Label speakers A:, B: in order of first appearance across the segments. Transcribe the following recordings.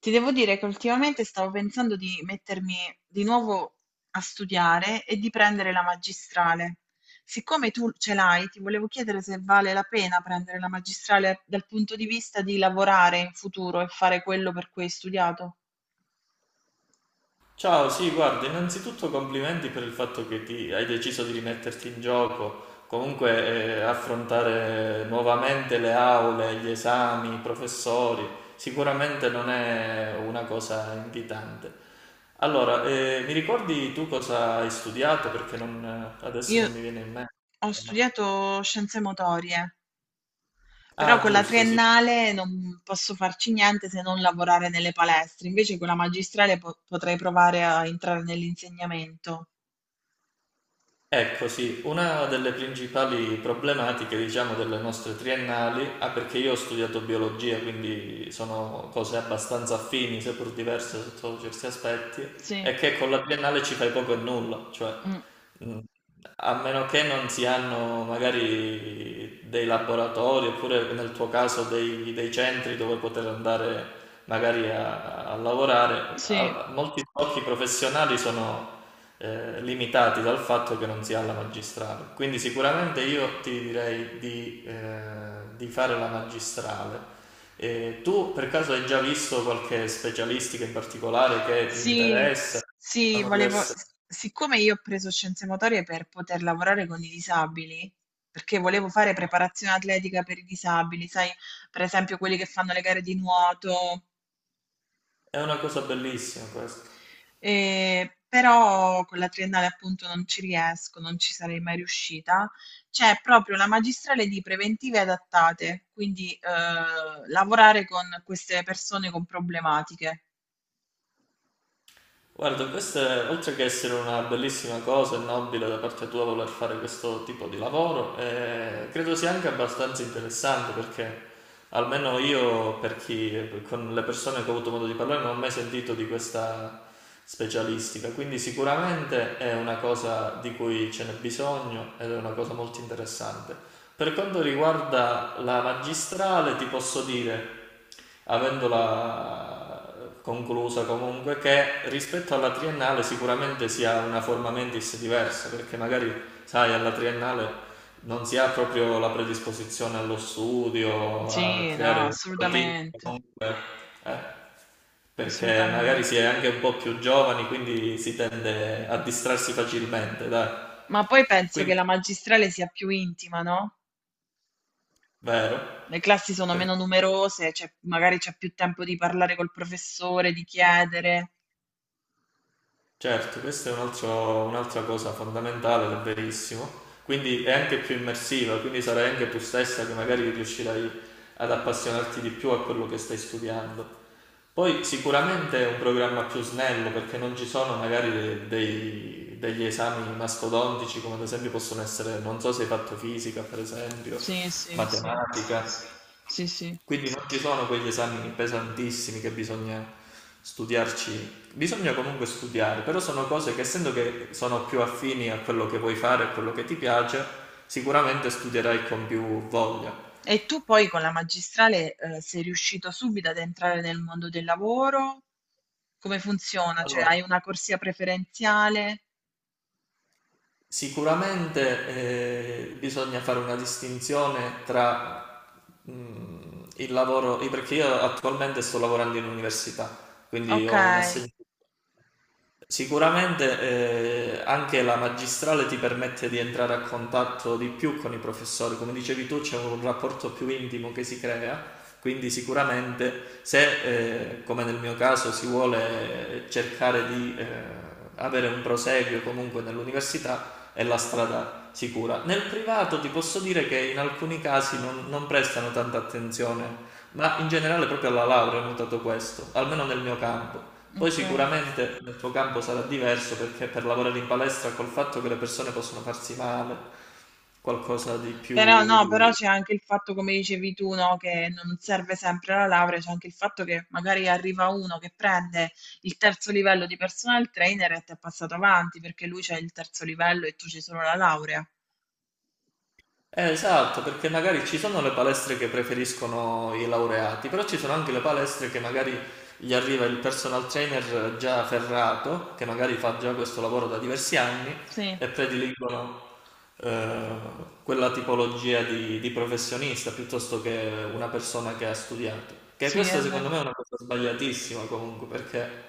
A: Ti devo dire che ultimamente stavo pensando di mettermi di nuovo a studiare e di prendere la magistrale. Siccome tu ce l'hai, ti volevo chiedere se vale la pena prendere la magistrale dal punto di vista di lavorare in futuro e fare quello per cui hai studiato.
B: Ciao, sì, guarda, innanzitutto complimenti per il fatto che hai deciso di rimetterti in gioco, comunque affrontare nuovamente le aule, gli esami, i professori, sicuramente non è una cosa invitante. Allora, mi ricordi tu cosa hai studiato? Perché adesso
A: Io
B: non mi viene in mente.
A: ho studiato scienze motorie, però
B: Ah,
A: con la
B: giusto, sì.
A: triennale non posso farci niente se non lavorare nelle palestre, invece con la magistrale potrei provare a entrare nell'insegnamento.
B: Ecco, sì, una delle principali problematiche, diciamo, delle nostre triennali, ah, perché io ho studiato biologia, quindi sono cose abbastanza affini, seppur diverse sotto certi aspetti,
A: Sì.
B: è che con la triennale ci fai poco e nulla, cioè
A: Mh,
B: mh, a meno che non si hanno magari dei laboratori oppure nel tuo caso dei centri dove poter andare magari a lavorare,
A: sì.
B: molti sbocchi professionali sono limitati dal fatto che non si ha la magistrale. Quindi sicuramente io ti direi di fare la magistrale. E tu per caso hai già visto qualche specialistica in particolare che ti
A: Sì,
B: interessa?
A: sì,
B: Sono
A: volevo
B: diverse.
A: s siccome io ho preso scienze motorie per poter lavorare con i disabili, perché volevo fare preparazione atletica per i disabili, sai, per esempio quelli che fanno le gare di nuoto,
B: È una cosa bellissima questa.
A: però con la triennale appunto non ci riesco, non ci sarei mai riuscita. C'è proprio la magistrale di preventive adattate, quindi, lavorare con queste persone con problematiche.
B: Guarda, questo è, oltre che essere una bellissima cosa e nobile da parte tua voler fare questo tipo di lavoro, credo sia anche abbastanza interessante perché almeno io, per chi, con le persone che ho avuto modo di parlare, non ho mai sentito di questa specialistica, quindi sicuramente è una cosa di cui ce n'è bisogno ed è una cosa molto interessante. Per quanto riguarda la magistrale, ti posso dire, avendola conclusa comunque, che rispetto alla triennale sicuramente si ha una forma mentis diversa, perché magari, sai, alla triennale non si ha proprio la predisposizione allo studio, a
A: Sì, no,
B: creare un routine,
A: assolutamente.
B: comunque, eh, perché magari
A: Assolutamente.
B: si è anche un po' più giovani, quindi si tende a distrarsi facilmente, dai.
A: Ma poi penso che
B: Quindi,
A: la magistrale sia più intima, no?
B: vero?
A: Le classi sono
B: Perché?
A: meno numerose, magari c'è più tempo di parlare col professore, di chiedere.
B: Certo, questa è un'altra cosa fondamentale ed è verissimo. Quindi è anche più immersiva, quindi sarai anche tu stessa che magari riuscirai ad appassionarti di più a quello che stai studiando. Poi sicuramente è un programma più snello perché non ci sono magari degli esami mastodontici come ad esempio possono essere, non so se hai fatto fisica per esempio,
A: Sì, sì, sì,
B: matematica.
A: sì, sì.
B: Quindi non ci sono quegli esami pesantissimi che bisogna studiarci, bisogna comunque studiare, però sono cose che essendo che sono più affini a quello che vuoi fare, a quello che ti piace, sicuramente studierai con più voglia.
A: E tu poi con la magistrale, sei riuscito subito ad entrare nel mondo del lavoro? Come funziona? Cioè,
B: Allora,
A: hai una corsia preferenziale?
B: sicuramente bisogna fare una distinzione tra il lavoro, perché io attualmente sto lavorando in università, quindi
A: Ok,
B: ho un assegno. Sicuramente anche la magistrale ti permette di entrare a contatto di più con i professori, come dicevi tu c'è un rapporto più intimo che si crea, quindi sicuramente se come nel mio caso si vuole cercare di avere un proseguio comunque nell'università è la strada sicura. Nel privato ti posso dire che in alcuni casi non prestano tanta attenzione, ma in generale proprio alla laurea ho notato questo, almeno nel mio campo. Poi
A: ok.
B: sicuramente nel tuo campo sarà diverso perché per lavorare in palestra col fatto che le persone possono farsi male, qualcosa di
A: Però no, però
B: più.
A: c'è anche il fatto, come dicevi tu, no, che non serve sempre la laurea, c'è anche il fatto che magari arriva uno che prende il terzo livello di personal trainer e ti è passato avanti perché lui c'è il terzo livello e tu c'hai solo la laurea.
B: Esatto, perché magari ci sono le palestre che preferiscono i laureati, però ci sono anche le palestre che magari gli arriva il personal trainer già ferrato, che magari fa già questo lavoro da diversi anni
A: Sì,
B: e prediligono eh, quella tipologia di professionista piuttosto che una persona che ha studiato. Che
A: sì, è
B: questo secondo
A: vero.
B: me è una cosa sbagliatissima comunque, perché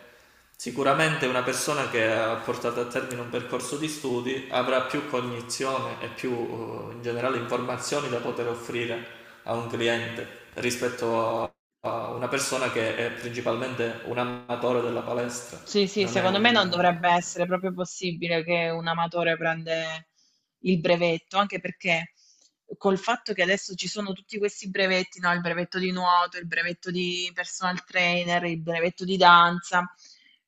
B: sicuramente una persona che ha portato a termine un percorso di studi avrà più cognizione e più in generale informazioni da poter offrire a un cliente rispetto a una persona che è principalmente un amatore della palestra,
A: Sì, sì,
B: non è
A: secondo me
B: un,
A: non dovrebbe
B: eh,
A: essere proprio possibile che un amatore prende il brevetto, anche perché col fatto che adesso ci sono tutti questi brevetti, no? Il brevetto di nuoto, il brevetto di personal trainer, il brevetto di danza,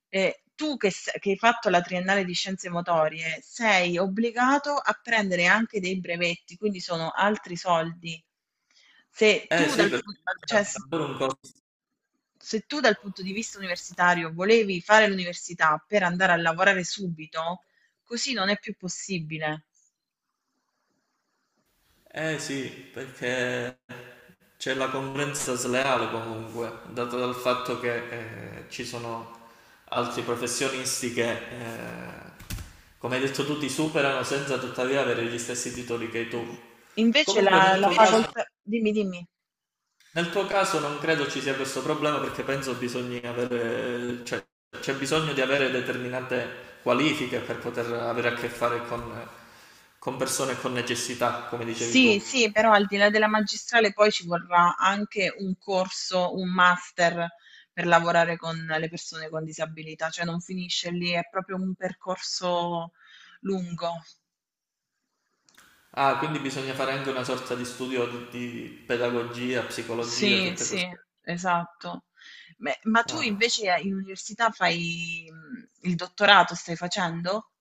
A: tu che, che hai fatto la triennale di scienze motorie sei obbligato a prendere anche dei brevetti, quindi sono altri soldi. Se
B: eh
A: tu
B: sì,
A: dal,
B: perché
A: pu-
B: immagina
A: cioè,
B: davvero un costo.
A: Se tu dal punto di vista universitario volevi fare l'università per andare a lavorare subito, così non è più possibile.
B: Eh sì, perché c'è la concorrenza sleale comunque, dato dal fatto che ci sono altri professionisti che, eh, come hai detto tu, ti superano senza tuttavia avere gli stessi titoli che hai tu.
A: Invece
B: Comunque nel
A: la
B: tuo invece caso.
A: facoltà, dimmi, dimmi.
B: Nel tuo caso non credo ci sia questo problema perché penso bisogna avere, cioè, c'è bisogno di avere determinate qualifiche per poter avere a che fare con persone con necessità, come dicevi
A: Sì,
B: tu.
A: sì, però al di là della magistrale poi ci vorrà anche un corso, un master per lavorare con le persone con disabilità, cioè non finisce lì, è proprio un percorso lungo.
B: Ah, quindi bisogna fare anche una sorta di studio di pedagogia, psicologia,
A: Sì,
B: tutte
A: sì,
B: queste.
A: esatto. Beh, ma tu
B: Ah.
A: invece in università fai il dottorato, stai facendo?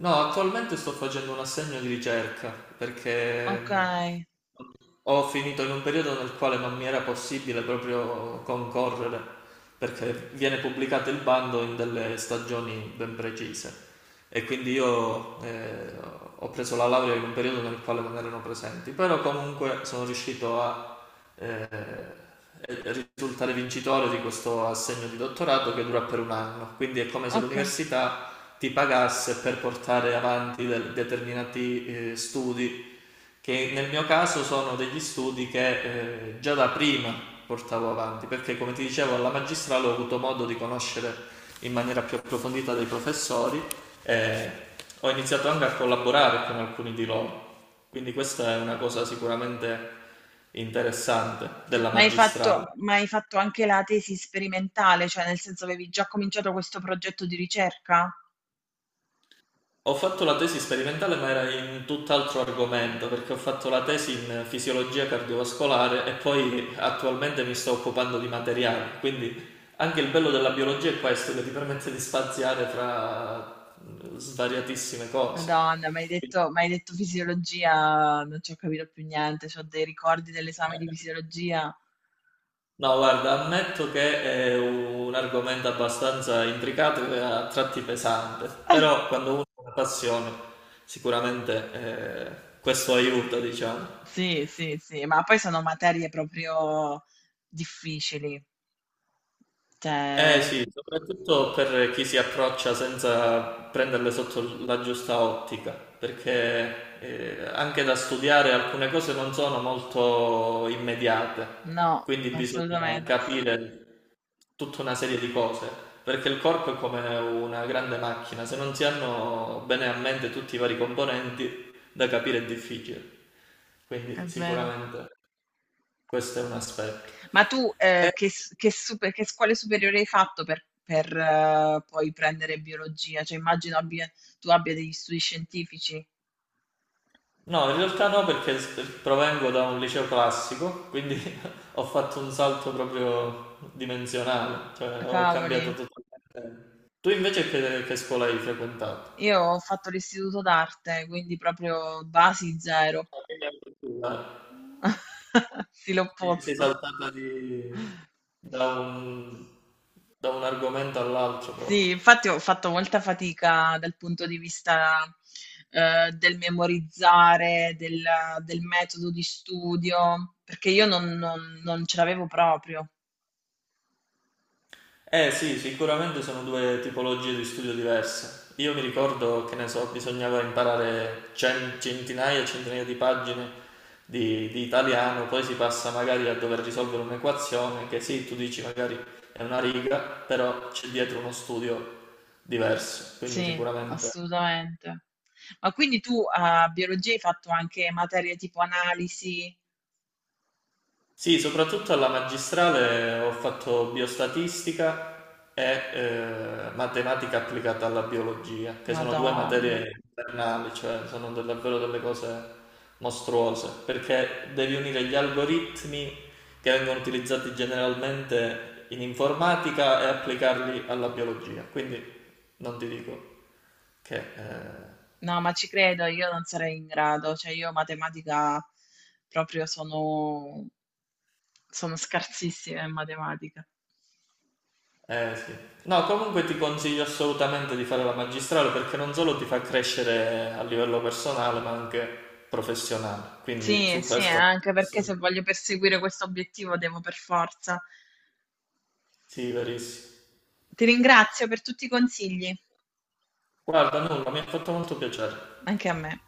B: No, attualmente sto facendo un assegno di ricerca
A: Ok,
B: perché ho finito in un periodo nel quale non mi era possibile proprio concorrere perché viene pubblicato il bando in delle stagioni ben precise e quindi io ho preso la laurea in un periodo nel quale non erano presenti, però comunque sono riuscito a eh, risultare vincitore di questo assegno di dottorato che dura per un anno, quindi è come se
A: ok.
B: l'università ti pagasse per portare avanti determinati studi che nel mio caso sono degli studi che già da prima portavo avanti, perché come ti dicevo alla magistrale ho avuto modo di conoscere in maniera più approfondita dei professori e ho iniziato anche a collaborare con alcuni di loro, quindi questa è una cosa sicuramente interessante della magistrale.
A: Ma hai fatto anche la tesi sperimentale, cioè nel senso avevi già cominciato questo progetto di ricerca?
B: Ho fatto la tesi sperimentale, ma era in tutt'altro argomento, perché ho fatto la tesi in fisiologia cardiovascolare e poi attualmente mi sto occupando di materiali. Quindi anche il bello della biologia è questo, che ti permette di spaziare fra svariatissime cose.
A: Madonna, mi hai detto fisiologia, non ci ho capito più niente, ho dei ricordi dell'esame di fisiologia.
B: No, guarda, ammetto che è un argomento abbastanza intricato e a tratti pesante, però quando uno ha una passione, sicuramente questo aiuta, diciamo.
A: Sì, sì, sì, ma poi sono materie proprio difficili.
B: Eh
A: Cioè,
B: sì, soprattutto per chi si approccia senza prenderle sotto la giusta ottica, perché anche da studiare alcune cose non sono molto immediate,
A: no,
B: quindi bisogna
A: assolutamente,
B: capire tutta una serie di cose, perché il corpo è come una grande macchina, se non si hanno bene a mente tutti i vari componenti, da capire è difficile.
A: è
B: Quindi
A: vero.
B: sicuramente questo è un aspetto.
A: Ma tu
B: Eh,
A: che scuole superiori hai fatto per, poi prendere biologia? Tu abbia degli studi scientifici.
B: No, in realtà no, perché provengo da un liceo classico, quindi ho fatto un salto proprio dimensionale, cioè ho
A: Cavoli,
B: cambiato totalmente. Tu invece che scuola hai frequentato?
A: io ho fatto l'istituto d'arte, quindi proprio basi zero.
B: Ah, quindi anche tu, eh.
A: Sì,
B: Sei
A: l'opposto.
B: saltata da un, da un, argomento all'altro
A: Sì,
B: proprio.
A: infatti ho fatto molta fatica dal punto di vista, del memorizzare, del metodo di studio, perché io non ce l'avevo proprio.
B: Eh sì, sicuramente sono due tipologie di studio diverse. Io mi ricordo che ne so, bisognava imparare centinaia e centinaia di pagine di italiano, poi si passa magari a dover risolvere un'equazione che sì, tu dici magari è una riga, però c'è dietro uno studio diverso, quindi
A: Sì,
B: sicuramente.
A: assolutamente. Ma quindi tu a biologia hai fatto anche materie tipo analisi?
B: Sì, soprattutto alla magistrale ho fatto biostatistica e matematica applicata alla biologia, che sono due
A: Madon
B: materie infernali, cioè sono davvero delle cose mostruose, perché devi unire gli algoritmi che vengono utilizzati generalmente in informatica e applicarli alla biologia. Quindi non ti dico che.
A: no, ma ci credo, io non sarei in grado, cioè io matematica proprio sono scarsissima in matematica.
B: Eh sì. No, comunque ti consiglio assolutamente di fare la magistrale perché non solo ti fa crescere a livello personale, ma anche professionale. Quindi
A: Sì,
B: su
A: sì,
B: questo
A: anche perché se voglio perseguire questo obiettivo devo per forza.
B: sì, verissimo.
A: Ti ringrazio per tutti i consigli,
B: Guarda, nulla, mi ha fatto molto piacere.
A: anche a me.